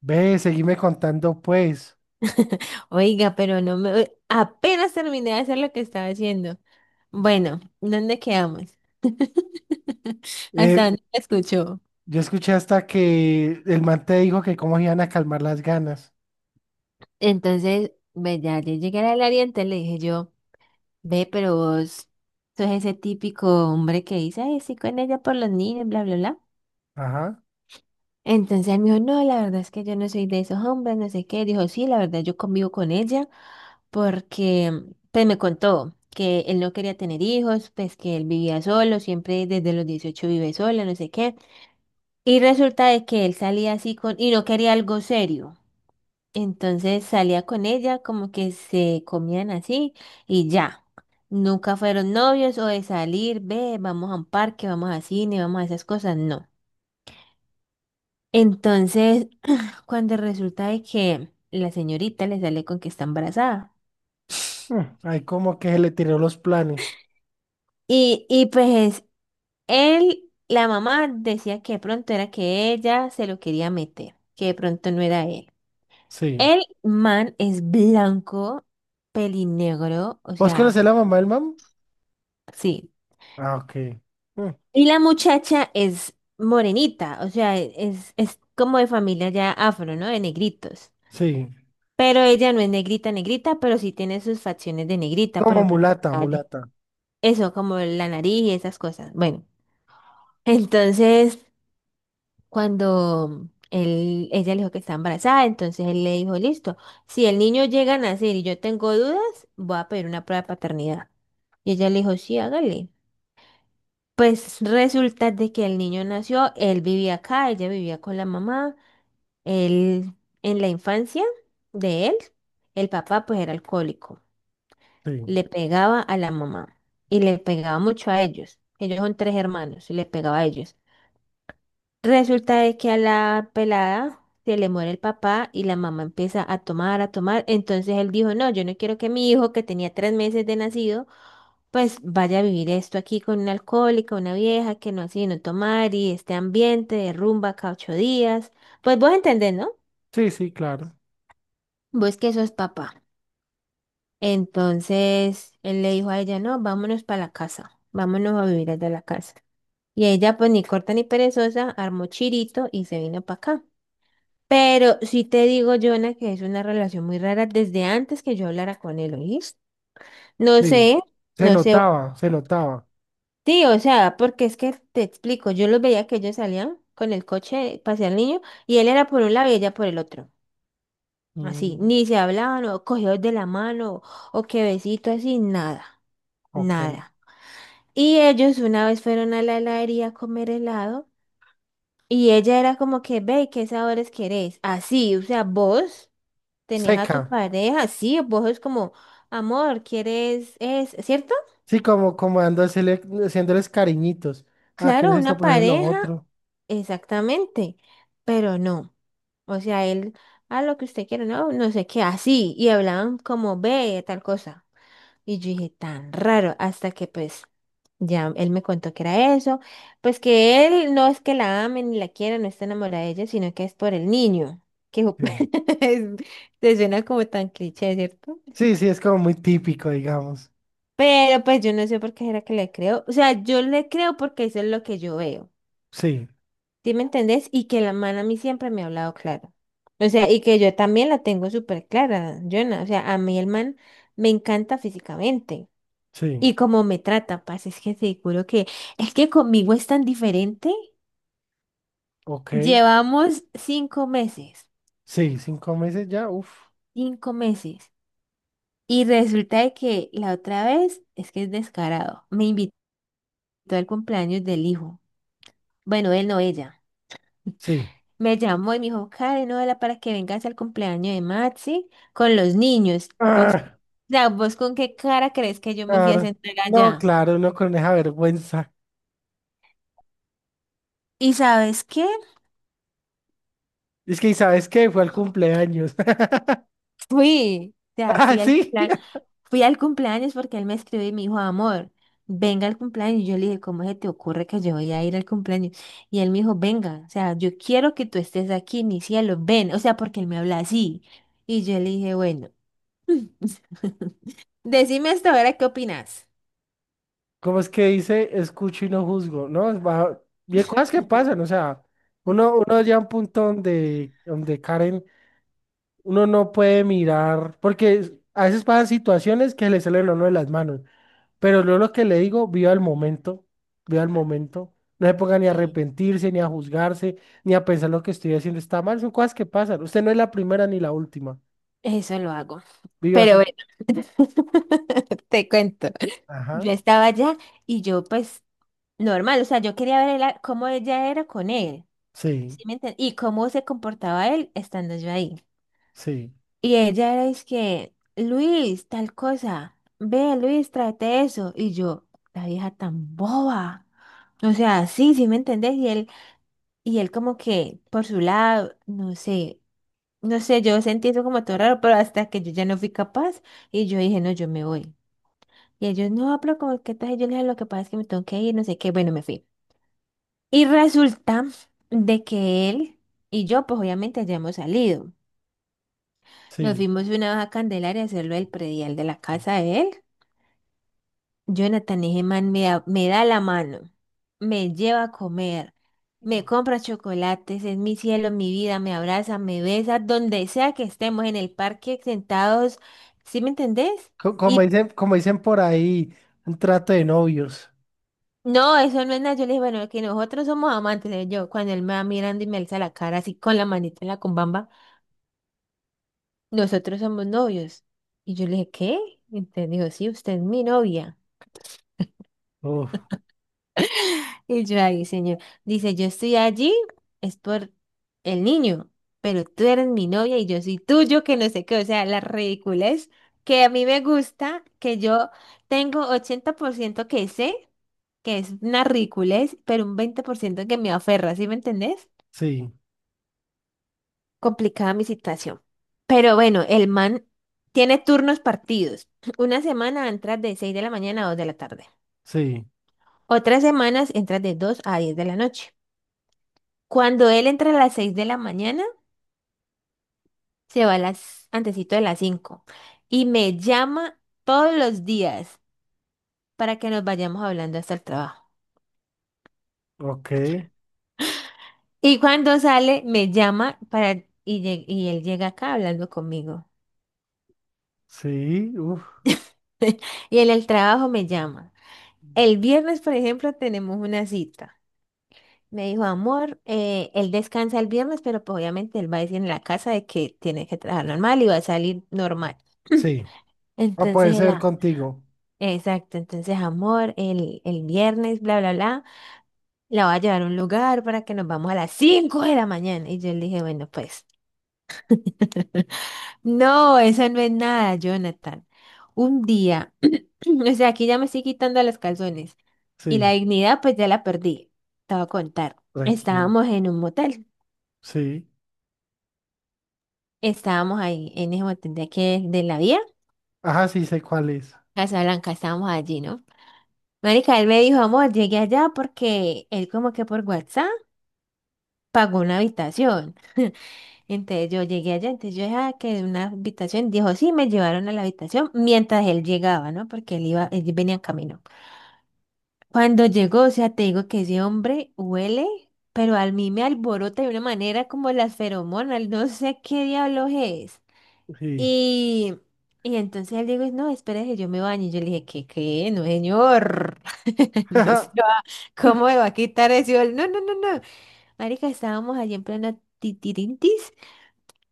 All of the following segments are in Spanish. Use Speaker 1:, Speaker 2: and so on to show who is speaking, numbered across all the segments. Speaker 1: Ve, seguime contando pues.
Speaker 2: Oiga, pero no me... apenas terminé de hacer lo que estaba haciendo. Bueno, ¿dónde quedamos?
Speaker 1: Eh,
Speaker 2: Hasta dónde me escuchó.
Speaker 1: yo escuché hasta que el man te dijo que cómo iban a calmar las ganas.
Speaker 2: Entonces, ve, ya yo llegué al área, entonces le dije yo, ve, pero vos sos ese típico hombre que dice, ay, sí, con ella por los niños, bla, bla, bla.
Speaker 1: Ajá.
Speaker 2: Entonces él me dijo, no, la verdad es que yo no soy de esos hombres, no sé qué. Dijo, sí, la verdad yo convivo con ella porque, pues me contó que él no quería tener hijos, pues que él vivía solo, siempre desde los 18 vive solo, no sé qué. Y resulta de que él salía así y no quería algo serio. Entonces salía con ella, como que se comían así y ya. Nunca fueron novios o de salir, ve, vamos a un parque, vamos a cine, vamos a esas cosas, no. Entonces cuando resulta de que la señorita le sale con que está embarazada.
Speaker 1: Ahí como que se le tiró los planes.
Speaker 2: Y pues él, la mamá decía que de pronto era que ella se lo quería meter, que de pronto no era él.
Speaker 1: Sí.
Speaker 2: El man es blanco, pelinegro, o
Speaker 1: ¿Vos
Speaker 2: sea,
Speaker 1: conocés la mamá del man?
Speaker 2: sí.
Speaker 1: Ah, ok. Mm.
Speaker 2: Y la muchacha es morenita, o sea, es como de familia ya afro, ¿no? De negritos.
Speaker 1: Sí.
Speaker 2: Pero ella no es negrita, negrita, pero sí tiene sus facciones de negrita, por
Speaker 1: Como
Speaker 2: ejemplo.
Speaker 1: mulata, mulata.
Speaker 2: Eso, como la nariz y esas cosas. Bueno, entonces cuando ella le dijo que está embarazada, entonces él le dijo, listo, si el niño llega a nacer y yo tengo dudas, voy a pedir una prueba de paternidad. Y ella le dijo, sí, hágale. Pues resulta de que el niño nació, él vivía acá, ella vivía con la mamá, él en la infancia de él, el papá pues era alcohólico,
Speaker 1: Sí.
Speaker 2: le pegaba a la mamá y le pegaba mucho a ellos. Ellos son tres hermanos y le pegaba a ellos. Resulta de que a la pelada se le muere el papá y la mamá empieza a tomar, a tomar. Entonces él dijo, no, yo no quiero que mi hijo, que tenía 3 meses de nacido, pues vaya a vivir esto aquí con una alcohólica, una vieja que no hace no tomar y este ambiente de rumba cada 8 días. Pues vos entendés, ¿no?
Speaker 1: Sí, sí, claro.
Speaker 2: Vos que sos papá. Entonces él le dijo a ella, no, vámonos para la casa, vámonos a vivir desde la casa. Y ella, pues ni corta ni perezosa, armó chirito y se vino para acá. Pero sí te digo, Jonah, que es una relación muy rara desde antes que yo hablara con él, ¿oíste? No
Speaker 1: Sí.
Speaker 2: sé,
Speaker 1: Se
Speaker 2: no sé.
Speaker 1: notaba, se notaba.
Speaker 2: Sí, o sea, porque es que te explico, yo los veía que ellos salían con el coche, pasé al niño, y él era por un lado y ella por el otro. Así,
Speaker 1: Mm,
Speaker 2: ni se hablaban, o cogidos de la mano, o que besito, así, nada,
Speaker 1: ok.
Speaker 2: nada. Y ellos una vez fueron a la heladería a comer helado, y ella era como que, ve, ¿qué sabores querés? Así, o sea, vos. Tenés a tu
Speaker 1: Seca.
Speaker 2: pareja, sí, vos es como, amor, ¿quieres es, ¿cierto?
Speaker 1: Sí, como haciéndoles cariñitos. Ah, ¿quieres
Speaker 2: Claro,
Speaker 1: esto
Speaker 2: una
Speaker 1: poner lo
Speaker 2: pareja,
Speaker 1: otro?
Speaker 2: exactamente, pero no. O sea, él, a lo que usted quiere, no, no sé qué, así, y hablaban como ve, tal cosa. Y yo dije, tan raro, hasta que pues ya él me contó que era eso, pues que él no es que la ame ni la quiera, no está enamorada de ella, sino que es por el niño, que
Speaker 1: Sí.
Speaker 2: te suena como tan cliché, ¿cierto?
Speaker 1: Sí, sí, es como muy típico, digamos.
Speaker 2: Pero pues yo no sé por qué era que le creo. O sea, yo le creo porque eso es lo que yo veo.
Speaker 1: Sí,
Speaker 2: ¿Sí me entendés? Y que la man a mí siempre me ha hablado claro. O sea, y que yo también la tengo súper clara, Jonah. O sea, a mí el man me encanta físicamente.
Speaker 1: sí,
Speaker 2: Y como me trata, paz, es que seguro que es que conmigo es tan diferente.
Speaker 1: ok.
Speaker 2: Llevamos 5 meses,
Speaker 1: Sí, 5 meses ya, uff,
Speaker 2: 5 meses. Y resulta de que la otra vez es que es descarado. Me invitó al cumpleaños del hijo. Bueno, él no, ella.
Speaker 1: sí.
Speaker 2: Me llamó y me dijo, Karen, hola, para que vengas al cumpleaños de Maxi con los niños. ¿Vos, o
Speaker 1: Ah,
Speaker 2: sea, vos con qué cara crees que yo me fui a
Speaker 1: claro.
Speaker 2: sentar
Speaker 1: No,
Speaker 2: allá?
Speaker 1: claro, uno con esa vergüenza.
Speaker 2: ¿Y sabes qué?
Speaker 1: Es que, ¿y sabes qué? Fue al cumpleaños.
Speaker 2: Fui, ya
Speaker 1: Ah,
Speaker 2: fui al
Speaker 1: sí.
Speaker 2: plan, fui al cumpleaños porque él me escribió y me dijo, amor, venga al cumpleaños. Y yo le dije, ¿cómo se te ocurre que yo voy a ir al cumpleaños? Y él me dijo, venga, o sea, yo quiero que tú estés aquí, mi cielo, ven, o sea, porque él me habla así. Y yo le dije, bueno, decime hasta ahora qué opinas.
Speaker 1: ¿Cómo es que dice, escucho y no juzgo? ¿No? Y hay cosas que pasan, o sea, uno llega a un punto donde Karen, uno no puede mirar, porque a veces pasan situaciones que le salen a uno de las manos. Pero yo lo que le digo, viva el momento, viva el momento. No se ponga ni a
Speaker 2: Sí.
Speaker 1: arrepentirse, ni a juzgarse, ni a pensar lo que estoy haciendo está mal. Son cosas que pasan. Usted no es la primera ni la última.
Speaker 2: Eso lo hago.
Speaker 1: Viva
Speaker 2: Pero
Speaker 1: su.
Speaker 2: bueno, te cuento.
Speaker 1: Ajá.
Speaker 2: Yo estaba allá y yo pues normal, o sea, yo quería ver el- cómo ella era con él,
Speaker 1: Sí,
Speaker 2: ¿sí me entiendes? Y cómo se comportaba él estando yo ahí.
Speaker 1: sí,
Speaker 2: Y ella era, es que, Luis, tal cosa, ve, Luis, tráete eso. Y yo, la vieja tan boba. O sea, sí, sí me entendés. Y él como que por su lado, no sé, no sé, yo sentí eso como todo raro, pero hasta que yo ya no fui capaz y yo dije, no, yo me voy. Y ellos, no, pero como que tal, y yo le dije, lo que pasa es que me tengo que ir, no sé qué, bueno, me fui. Y resulta de que él y yo, pues obviamente ya hemos salido. Nos
Speaker 1: sí.
Speaker 2: fuimos una vez a Candelaria a hacerlo el predial de la casa de él. Jonathan, ese man me da la mano, me lleva a comer, me compra chocolates, es mi cielo, mi vida, me abraza, me besa, donde sea que estemos en el parque sentados, ¿sí me entendés?
Speaker 1: Como
Speaker 2: Y
Speaker 1: dicen, como dicen por ahí, un trato de novios.
Speaker 2: no, eso no es nada. Yo le dije, bueno, que nosotros somos amantes. Le dije yo, cuando él me va mirando y me alza la cara así con la manita en la cumbamba, nosotros somos novios. Y yo le dije, ¿qué? Entonces dijo, sí, usted es mi novia.
Speaker 1: Uf,
Speaker 2: Y yo, ahí, señor. Dice, yo estoy allí, es por el niño, pero tú eres mi novia y yo soy tuyo, que no sé qué. O sea, la ridiculez que a mí me gusta, que yo tengo 80% que sé, que es una ridiculez, pero un 20% que me aferra, ¿sí me entendés?
Speaker 1: sí,
Speaker 2: Complicada mi situación. Pero bueno, el man tiene turnos partidos. Una semana entras de 6 de la mañana a 2 de la tarde.
Speaker 1: sí,
Speaker 2: Otras semanas entras de 2 a 10 de la noche. Cuando él entra a las 6 de la mañana, se va a las antesito de las 5 y me llama todos los días para que nos vayamos hablando hasta el trabajo.
Speaker 1: ok,
Speaker 2: Y cuando sale, me llama para y, y él llega acá hablando conmigo.
Speaker 1: sí, uf,
Speaker 2: Y en el trabajo me llama. El viernes, por ejemplo, tenemos una cita. Me dijo, amor, él descansa el viernes, pero pues obviamente él va a decir en la casa de que tiene que trabajar normal y va a salir normal.
Speaker 1: sí. Va a
Speaker 2: Entonces,
Speaker 1: poder ser contigo.
Speaker 2: exacto, entonces, amor, el viernes, bla, bla, bla, la va a llevar a un lugar para que nos vamos a las 5 de la mañana. Y yo le dije, bueno, pues, no, eso no es nada, Jonathan. Un día, o sea, aquí ya me estoy quitando los calzones y la
Speaker 1: Sí,
Speaker 2: dignidad, pues ya la perdí. Te voy a contar.
Speaker 1: tranquilo.
Speaker 2: Estábamos en un motel.
Speaker 1: Sí.
Speaker 2: Estábamos ahí en ese montón de aquí de la vía,
Speaker 1: Ajá, sí sé cuál es.
Speaker 2: Casablanca, estábamos allí, ¿no? Marica, él me dijo, amor, llegué allá porque él como que por WhatsApp pagó una habitación. Entonces yo llegué allá, entonces yo dejaba que una habitación, dijo, sí, me llevaron a la habitación mientras él llegaba, ¿no? Porque él iba, él venía en camino. Cuando llegó, o sea, te digo que ese hombre huele, pero a mí me alborota de una manera como las feromonas, no sé qué diablos es.
Speaker 1: Sí.
Speaker 2: Y, y entonces él dijo, no, espérese, yo me baño. Y yo le dije, ¿qué, qué? No, señor. No se va. ¿Cómo me va a quitar eso? Y él, no, no, no, no. Marica, estábamos allí en pleno titirintis.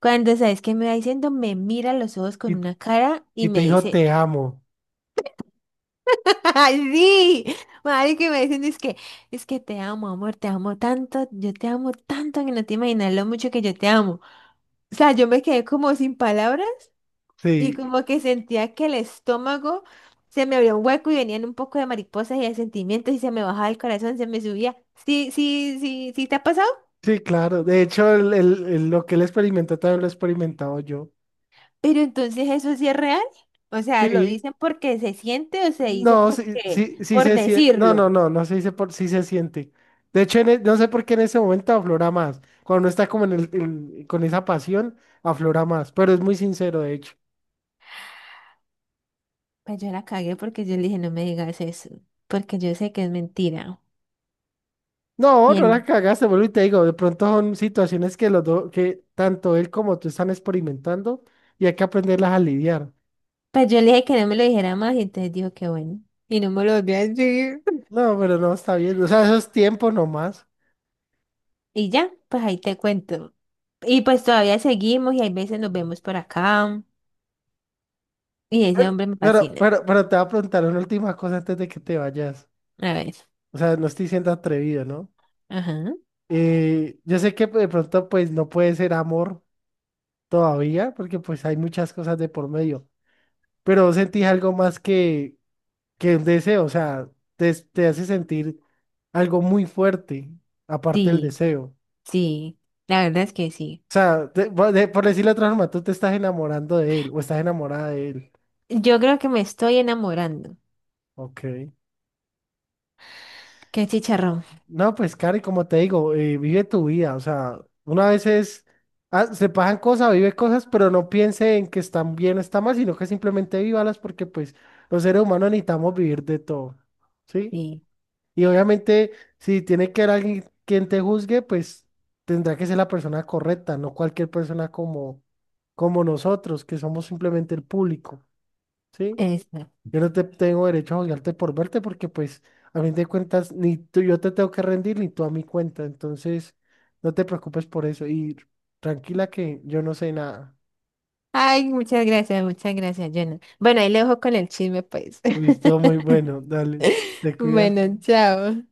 Speaker 2: Cuando, ¿sabes qué me va diciendo? Me mira a los ojos con
Speaker 1: Y
Speaker 2: una cara y
Speaker 1: Y
Speaker 2: me
Speaker 1: te dijo,
Speaker 2: dice,
Speaker 1: te amo.
Speaker 2: ¡ay, sí! Marica, y me dicen, es que te amo, amor, te amo tanto, yo te amo tanto que no te imaginas lo mucho que yo te amo. O sea, yo me quedé como sin palabras. Y
Speaker 1: Sí,
Speaker 2: como que sentía que el estómago se me abría un hueco y venían un poco de mariposas y de sentimientos y se me bajaba el corazón, se me subía. Sí, sí, sí, sí te ha pasado,
Speaker 1: sí, claro. De hecho, lo que él experimentó también lo he experimentado yo.
Speaker 2: pero entonces eso sí es real. O sea, ¿lo
Speaker 1: Sí,
Speaker 2: dicen porque se siente o se dice
Speaker 1: no, sí,
Speaker 2: porque,
Speaker 1: sí, sí
Speaker 2: por
Speaker 1: se siente. No, no,
Speaker 2: decirlo?
Speaker 1: no, no se dice por sí se siente. De hecho, no sé por qué en ese momento aflora más. Cuando uno está como con esa pasión, aflora más. Pero es muy sincero, de hecho.
Speaker 2: Pues yo la cagué porque yo le dije, no me digas eso, porque yo sé que es mentira.
Speaker 1: No,
Speaker 2: Y
Speaker 1: no
Speaker 2: él,
Speaker 1: la cagaste, vuelvo y te digo, de pronto son situaciones que los dos, que tanto él como tú están experimentando y hay que aprenderlas a lidiar.
Speaker 2: pues yo le dije que no me lo dijera más y entonces dijo que bueno. Y no me lo volvió a decir.
Speaker 1: No, pero no está bien. O sea, eso es tiempo nomás.
Speaker 2: Y ya, pues ahí te cuento. Y pues todavía seguimos y hay veces nos vemos por acá. Y ese hombre me
Speaker 1: Pero,
Speaker 2: fascina.
Speaker 1: pero, pero te voy a preguntar una última cosa antes de que te vayas.
Speaker 2: A ver.
Speaker 1: O sea, no estoy siendo atrevido, ¿no?
Speaker 2: Ajá.
Speaker 1: Yo sé que de pronto pues no puede ser amor todavía, porque pues hay muchas cosas de por medio, pero ¿vos sentís algo más que un deseo, o sea, te hace sentir algo muy fuerte, aparte del
Speaker 2: Sí,
Speaker 1: deseo.
Speaker 2: sí. La verdad es que sí.
Speaker 1: O sea, por decirlo de otra forma, tú te estás enamorando de él o estás enamorada de él.
Speaker 2: Yo creo que me estoy enamorando.
Speaker 1: Ok.
Speaker 2: Qué chicharrón.
Speaker 1: No, pues, Cari, como te digo, vive tu vida. O sea, una vez es, ah, se pasan cosas, vive cosas, pero no piense en que están bien o están mal, sino que simplemente vívalas porque, pues, los seres humanos necesitamos vivir de todo. ¿Sí?
Speaker 2: Sí,
Speaker 1: Y obviamente, si tiene que haber alguien quien te juzgue, pues tendrá que ser la persona correcta, no cualquier persona como nosotros, que somos simplemente el público. ¿Sí?
Speaker 2: eso.
Speaker 1: Yo no te tengo derecho a juzgarte por verte porque pues a fin de cuentas ni tú yo te tengo que rendir ni tú a mi cuenta. Entonces no te preocupes por eso y tranquila que yo no sé nada.
Speaker 2: Ay, muchas gracias, Jonah. Bueno, ahí le dejo con el chisme, pues.
Speaker 1: Listo, muy bueno, dale. Te cuidas.
Speaker 2: Bueno, chao.